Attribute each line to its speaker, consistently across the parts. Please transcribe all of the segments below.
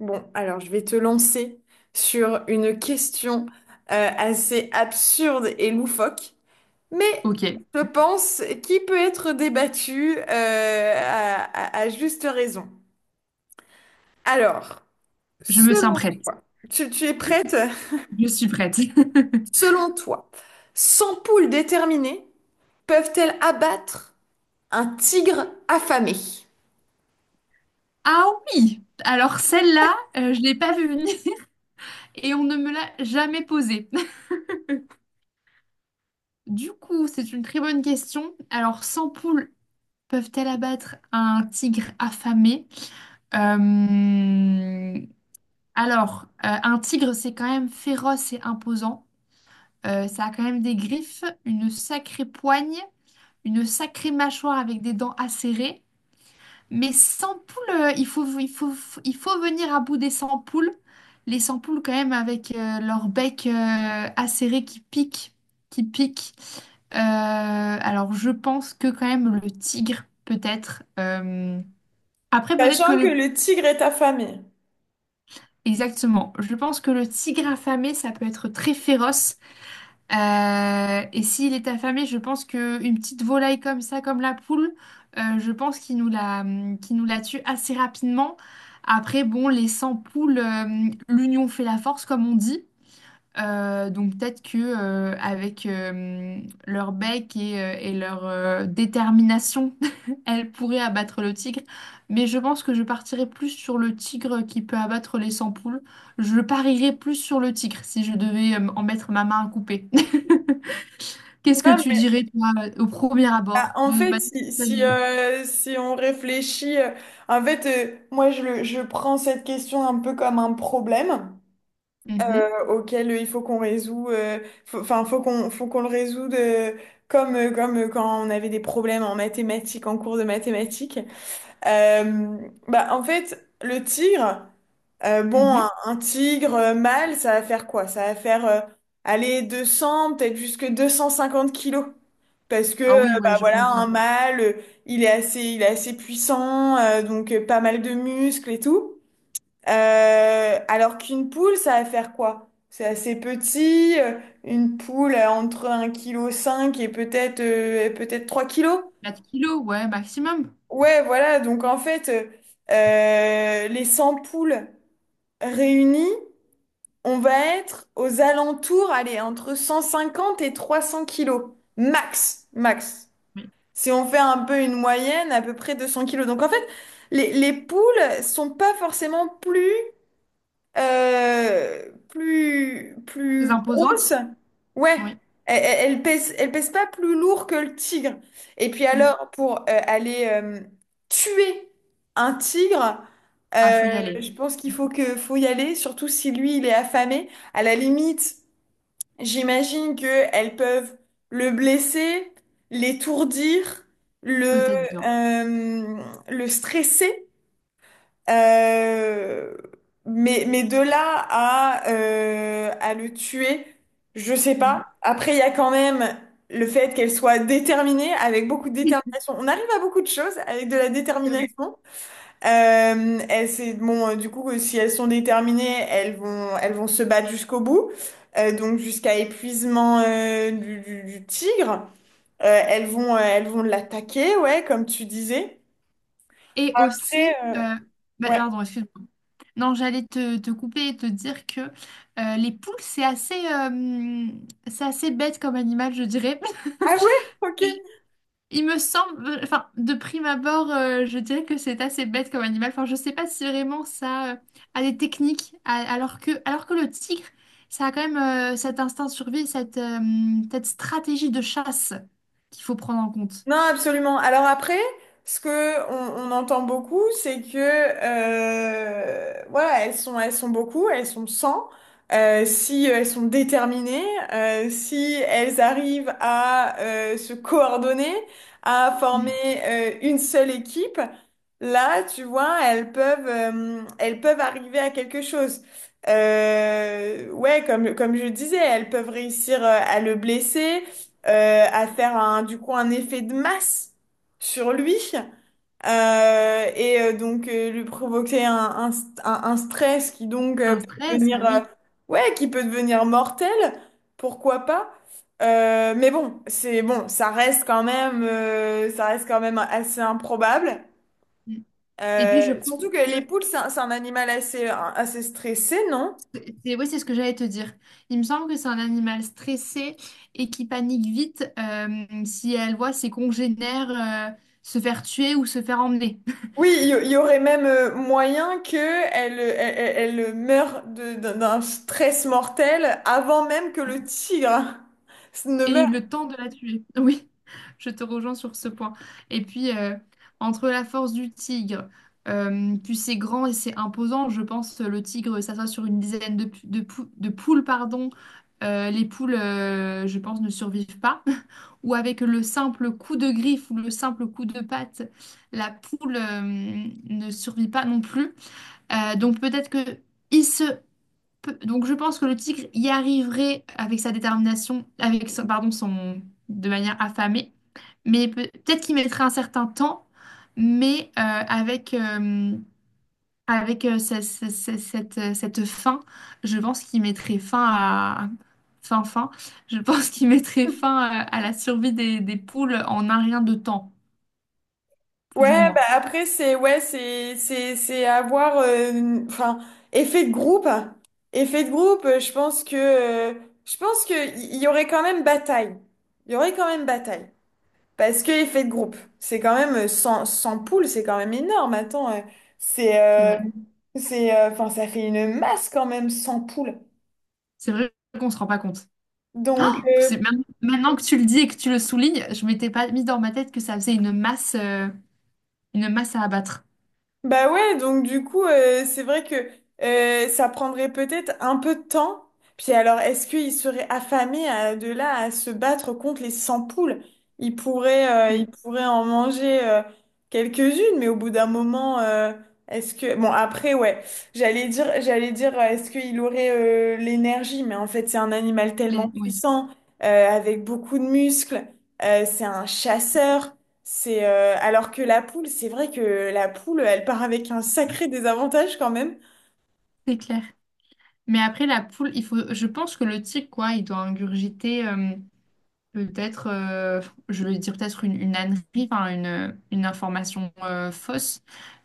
Speaker 1: Bon, alors je vais te lancer sur une question assez absurde et loufoque, mais
Speaker 2: Ok,
Speaker 1: je pense qui peut être débattue à juste raison. Alors,
Speaker 2: je me tiens
Speaker 1: selon
Speaker 2: prête.
Speaker 1: toi, tu es prête?
Speaker 2: Je suis prête.
Speaker 1: Selon toi, 100 poules déterminées peuvent-elles abattre un tigre affamé?
Speaker 2: Ah oui! Alors celle-là, je l'ai pas vue venir et on ne me l'a jamais posée. Du coup, c'est une très bonne question. Alors, 100 poules peuvent-elles abattre un tigre affamé? Euh, Alors, un tigre, c'est quand même féroce et imposant. Ça a quand même des griffes, une sacrée poigne, une sacrée mâchoire avec des dents acérées. Mais sans poules, il faut venir à bout des sans poules. Les sans poules, quand même, avec leur bec acéré qui pique, qui pique. Alors, je pense que quand même le tigre, peut-être. Après, peut-être que
Speaker 1: Sachant que
Speaker 2: le...
Speaker 1: le tigre est affamé.
Speaker 2: Exactement. Je pense que le tigre affamé, ça peut être très féroce. Et s'il est affamé, je pense qu'une petite volaille comme ça, comme la poule, je pense qu'il nous la tue assez rapidement. Après, bon, les 100 poules, l'union fait la force, comme on dit. Donc peut-être que avec leur bec et leur détermination, elles pourraient abattre le tigre. Mais je pense que je partirais plus sur le tigre qui peut abattre les 100 poules. Je parierais plus sur le tigre si je devais en mettre ma main à couper. Qu'est-ce que
Speaker 1: Non,
Speaker 2: tu
Speaker 1: mais
Speaker 2: dirais toi au premier
Speaker 1: bah,
Speaker 2: abord
Speaker 1: en
Speaker 2: de
Speaker 1: fait,
Speaker 2: manière
Speaker 1: si, si,
Speaker 2: spontanée?
Speaker 1: euh, si on réfléchit, en fait, moi, je prends cette question un peu comme un problème
Speaker 2: Mhm,
Speaker 1: auquel il faut qu'on résout, faut qu'on le résoudre comme quand on avait des problèmes en mathématiques, en cours de mathématiques. Euh, Bah, en fait, le tigre, bon,
Speaker 2: mhm.
Speaker 1: un tigre mâle, ça va faire quoi? Ça va faire aller 200, peut-être jusque 250 kilos. Parce que,
Speaker 2: Ah oui,
Speaker 1: bah
Speaker 2: ouais, je pense
Speaker 1: voilà, un
Speaker 2: bien.
Speaker 1: mâle, il est assez puissant, donc pas mal de muscles et tout. Alors qu'une poule, ça va faire quoi? C'est assez petit, une poule entre 1,5 kg et peut-être 3 kilos.
Speaker 2: 4 kilos, ouais, maximum.
Speaker 1: Ouais, voilà, donc en fait, les 100 poules réunies, on va être aux alentours, allez, entre 150 et 300 kilos, max.
Speaker 2: Oui.
Speaker 1: Si on fait un peu une moyenne, à peu près 200 kilos. Donc en fait, les poules sont pas forcément plus
Speaker 2: Très
Speaker 1: plus grosse.
Speaker 2: imposante.
Speaker 1: Ouais,
Speaker 2: Oui.
Speaker 1: elle pèse pas plus lourd que le tigre. Et puis
Speaker 2: Mm.
Speaker 1: alors, pour aller tuer un tigre,
Speaker 2: Ah, faut y aller.
Speaker 1: je pense qu'il faut faut y aller, surtout si lui, il est affamé. À la limite, j'imagine qu'elles peuvent le blesser, l'étourdir, le,
Speaker 2: Peut-être bien.
Speaker 1: euh, le stresser. Euh, mais de là à le tuer, je sais
Speaker 2: Mm.
Speaker 1: pas. Après, il y a quand même le fait qu'elle soit déterminée, avec beaucoup de
Speaker 2: C'est
Speaker 1: détermination. On arrive à beaucoup de choses avec de la
Speaker 2: vrai.
Speaker 1: détermination. Elles, c'est, bon, du coup, si elles sont déterminées, elles vont se battre jusqu'au bout. Donc jusqu'à épuisement du tigre. Elles vont l'attaquer, ouais, comme tu disais.
Speaker 2: Et
Speaker 1: Après,
Speaker 2: aussi, bah,
Speaker 1: ouais.
Speaker 2: pardon, excuse-moi. Non, j'allais te couper et te dire que les poules, c'est assez bête comme animal, je dirais.
Speaker 1: Ah ouais, ok.
Speaker 2: Il me semble, enfin, de prime abord, je dirais que c'est assez bête comme animal. Enfin, je sais pas si vraiment ça a des techniques, alors que le tigre, ça a quand même cet instinct de survie, cette stratégie de chasse qu'il faut prendre en compte.
Speaker 1: Non, absolument. Alors après, ce que on entend beaucoup, c'est que voilà, elles sont beaucoup, elles sont cent. Si elles sont déterminées, si elles arrivent à se coordonner, à former
Speaker 2: Mm.
Speaker 1: une seule équipe, là, tu vois, elles peuvent arriver à quelque chose. Ouais, comme je disais, elles peuvent réussir à le blesser, à faire du coup un effet de masse sur lui donc lui provoquer un stress qui donc
Speaker 2: Un
Speaker 1: peut
Speaker 2: stress, ah
Speaker 1: devenir
Speaker 2: oui.
Speaker 1: ouais qui peut devenir mortel, pourquoi pas. Mais bon c'est bon ça reste quand même ça reste quand même assez improbable.
Speaker 2: Mm. Et puis je pense
Speaker 1: Surtout que les
Speaker 2: que
Speaker 1: poules c'est c'est un animal assez assez stressé, non?
Speaker 2: c'est, oui, c'est ce que j'allais te dire. Il me semble que c'est un animal stressé et qui panique vite si elle voit ses congénères euh, se faire tuer ou se faire emmener.
Speaker 1: Oui, il y aurait même moyen que elle meure d'un stress mortel avant même que le tigre ne
Speaker 2: Et eu
Speaker 1: meure.
Speaker 2: le temps de la tuer. Oui, je te rejoins sur ce point. Et puis, entre la force du tigre, puis c'est grand et c'est imposant, je pense le tigre s'assoit sur une dizaine de poules, pardon. Les poules, je pense, ne survivent pas. Ou avec le simple coup de griffe ou le simple coup de patte, la poule, ne survit pas non plus. Donc peut-être que... il se Donc je pense que le tigre y arriverait avec sa détermination, avec pardon, son, de manière affamée, mais peut-être qu'il mettrait un certain temps, mais avec, cette fin, je pense qu'il mettrait fin à... Fin, fin, je pense qu'il mettrait fin à la survie des poules en un rien de temps, plus ou
Speaker 1: Ouais, bah
Speaker 2: moins.
Speaker 1: après c'est ouais c'est avoir enfin effet de groupe, effet de groupe. Euh, je pense que il y aurait quand même bataille. Il y aurait quand même bataille. Parce que effet de groupe, c'est quand même 100 poules, c'est quand même énorme. Attends, c'est
Speaker 2: C'est
Speaker 1: euh,
Speaker 2: vrai.
Speaker 1: c'est enfin ça fait une masse quand même 100 poules.
Speaker 2: C'est vrai qu'on se rend pas compte. Oh,
Speaker 1: Donc euh,
Speaker 2: maintenant que tu le dis et que tu le soulignes, je m'étais pas mis dans ma tête que ça faisait une masse à abattre.
Speaker 1: Bah ouais, donc du coup, c'est vrai que ça prendrait peut-être un peu de temps. Puis alors, est-ce qu'ils seraient affamés de là à se battre contre les 100 poules? Ils
Speaker 2: Mm.
Speaker 1: pourraient en manger quelques-unes, mais au bout d'un moment, est-ce que... Bon, après, ouais, j'allais dire, est-ce qu'il aurait l'énergie? Mais en fait, c'est un animal tellement
Speaker 2: Oui,
Speaker 1: puissant, avec beaucoup de muscles, c'est un chasseur. C'est Alors que la poule, c'est vrai que la poule, elle part avec un sacré désavantage quand même.
Speaker 2: c'est clair. Mais après la poule, il faut, je pense que le tigre, quoi, il doit ingurgiter peut-être, je vais dire peut-être une ânerie, enfin une information fausse.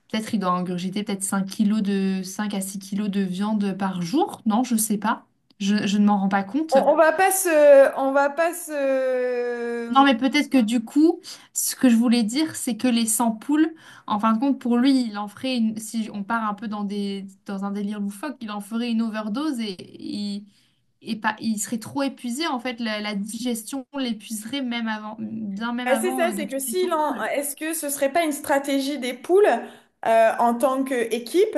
Speaker 2: Peut-être il doit ingurgiter peut-être 5 kilos de 5 à 6 kilos de viande par jour. Non, je sais pas. Je ne m'en rends pas compte.
Speaker 1: On va pas se.
Speaker 2: Non, mais peut-être que du coup, ce que je voulais dire, c'est que les 100 poules, en fin de compte, pour lui, il en ferait une, si on part un peu dans un délire loufoque, il en ferait une overdose et il, et pas, il serait trop épuisé, en fait, la digestion l'épuiserait même avant, bien même
Speaker 1: Ah, c'est
Speaker 2: avant
Speaker 1: ça,
Speaker 2: de
Speaker 1: c'est que
Speaker 2: tuer les 100 poules.
Speaker 1: est-ce que ce serait pas une stratégie des poules en tant qu'équipe?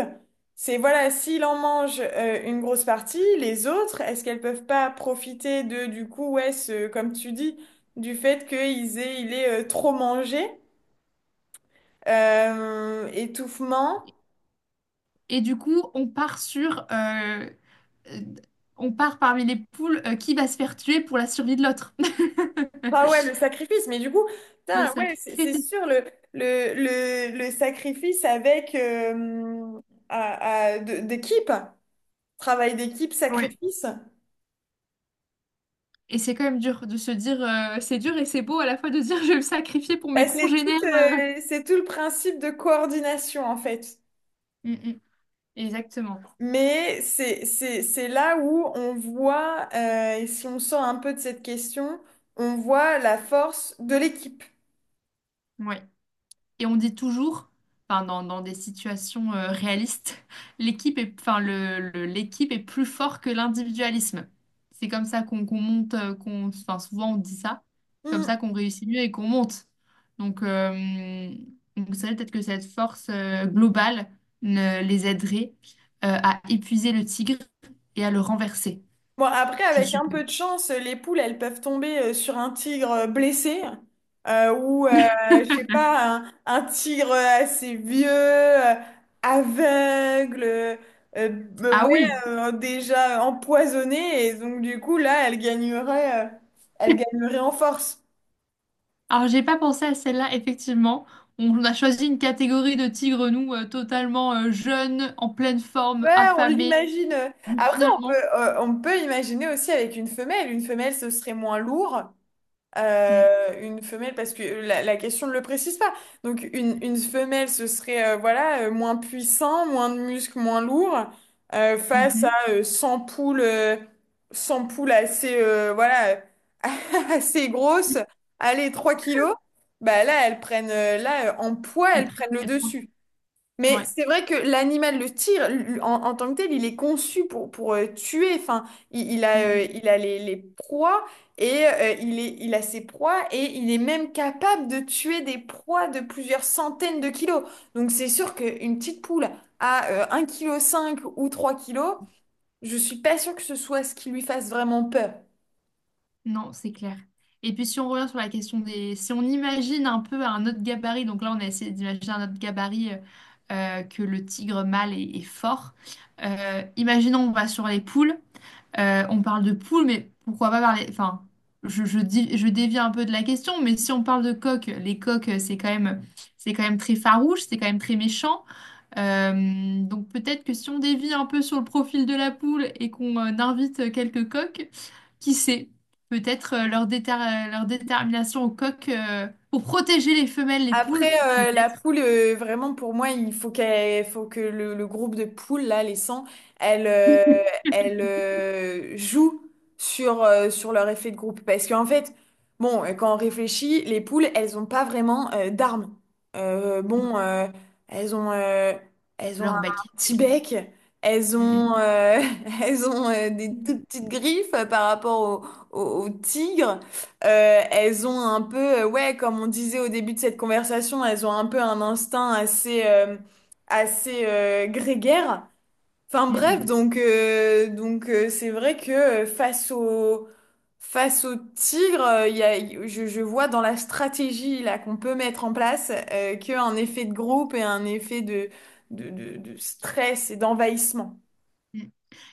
Speaker 1: C'est voilà, s'il en mange une grosse partie, les autres, est-ce qu'elles peuvent pas profiter de du coup, ouais, ce, comme tu dis, du fait qu'ils aient, il est trop mangé, étouffement.
Speaker 2: Et du coup, euh, on part parmi les poules, qui va se faire tuer pour la survie de l'autre?
Speaker 1: Ah ouais, le sacrifice, mais du coup,
Speaker 2: Le
Speaker 1: putain, ouais,
Speaker 2: sacré.
Speaker 1: c'est sûr, le, le sacrifice avec d'équipe, travail d'équipe,
Speaker 2: Oui.
Speaker 1: sacrifice.
Speaker 2: Et c'est quand même dur de se dire, c'est dur et c'est beau à la fois de se dire je vais me sacrifier pour
Speaker 1: Eh,
Speaker 2: mes congénères. euh.
Speaker 1: c'est tout le principe de coordination en fait.
Speaker 2: Mm, mm. Exactement.
Speaker 1: Mais c'est là où on voit, et si on sort un peu de cette question, on voit la force de l'équipe.
Speaker 2: Ouais. Et on dit toujours, enfin dans des situations réalistes, l'équipe est, enfin l'équipe est plus fort que l'individualisme. C'est comme ça qu'on monte, qu'on, enfin souvent on dit ça. C'est comme
Speaker 1: Hmm.
Speaker 2: ça qu'on réussit mieux et qu'on monte. Donc, euh, donc c'est vrai peut-être que cette force globale ne les aiderait à épuiser le tigre et à le renverser.
Speaker 1: Bon, après,
Speaker 2: Je
Speaker 1: avec un
Speaker 2: suppose.
Speaker 1: peu de chance, les poules, elles peuvent tomber sur un tigre blessé ou, je sais pas, un tigre assez vieux, aveugle,
Speaker 2: Ah
Speaker 1: ouais,
Speaker 2: oui.
Speaker 1: déjà empoisonné. Et donc, du coup, là, elle gagnerait en force.
Speaker 2: Alors j'ai pas pensé à celle-là, effectivement. On a choisi une catégorie de tigres, nous, totalement jeunes, en pleine
Speaker 1: Ouais,
Speaker 2: forme,
Speaker 1: on
Speaker 2: affamés.
Speaker 1: l'imagine.
Speaker 2: Mais
Speaker 1: Après,
Speaker 2: finalement,
Speaker 1: on peut imaginer aussi avec une femelle. Une femelle, ce serait moins lourd.
Speaker 2: mm,
Speaker 1: Euh, une femelle, parce que la question ne le précise pas. Donc une femelle, ce serait voilà, moins puissant, moins de muscles, moins lourd, face
Speaker 2: mhm,
Speaker 1: à 100 poules, 100 poules assez, voilà, assez grosses, allez, 3 kilos, bah là, là, en poids,
Speaker 2: elle
Speaker 1: elles
Speaker 2: pr-
Speaker 1: prennent le
Speaker 2: elle prend-
Speaker 1: dessus. Mais
Speaker 2: ouais.
Speaker 1: c'est vrai que l'animal, en, en tant que tel, il est conçu pour tuer. Enfin,
Speaker 2: Mm, mm.
Speaker 1: il a les proies il a ses proies et il est même capable de tuer des proies de plusieurs centaines de kilos. Donc c'est sûr qu'une petite poule à 1,5 kg ou 3 kilos, je suis pas sûre que ce soit ce qui lui fasse vraiment peur.
Speaker 2: Non, c'est clair. Et puis si on revient sur la question des... Si on imagine un peu un autre gabarit, donc là on a essayé d'imaginer un autre gabarit que le tigre mâle est fort. Imaginons on va sur les poules. On parle de poule, mais pourquoi pas parler... Enfin, je, dis, je dévie un peu de la question, mais si on parle de coq, les coqs, c'est quand même très farouche, c'est quand même très méchant. Donc peut-être que si on dévie un peu sur le profil de la poule et qu'on invite quelques coqs, qui sait, peut-être leur détermination au coq pour protéger les femelles, les
Speaker 1: Après,
Speaker 2: poules,
Speaker 1: la
Speaker 2: peut-être
Speaker 1: poule, vraiment, pour moi, il faut qu'elle, faut que le groupe de poules, là, les 100, elle, euh, elle joue sur, sur leur effet de groupe. Parce qu'en fait, bon, quand on réfléchit, les poules, elles n'ont pas vraiment d'armes.
Speaker 2: non,
Speaker 1: Bon, elles ont, euh, elles ont
Speaker 2: leur
Speaker 1: un
Speaker 2: bec. C'est
Speaker 1: petit
Speaker 2: tout.
Speaker 1: bec, elles
Speaker 2: Mm,
Speaker 1: ont, euh, elles ont des
Speaker 2: mm.
Speaker 1: toutes petites griffes par rapport au tigre. Elles ont un peu, ouais, comme on disait au début de cette conversation, elles ont un peu un instinct assez, assez grégaire. Enfin
Speaker 2: Mm,
Speaker 1: bref,
Speaker 2: mm.
Speaker 1: donc c'est vrai que face au tigre, il y a, je vois dans la stratégie là qu'on peut mettre en place qu'un effet de groupe et un effet de, de stress et d'envahissement.
Speaker 2: Mm.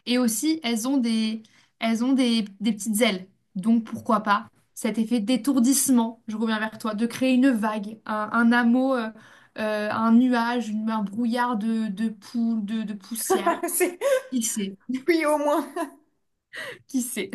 Speaker 2: Et aussi, elles ont des petites ailes. Donc, pourquoi pas cet effet d'étourdissement, je reviens vers toi, de créer une vague, un hameau, un nuage, un brouillard de poussière.
Speaker 1: C'est-
Speaker 2: Qui sait?
Speaker 1: Oui, au moins.
Speaker 2: Qui sait?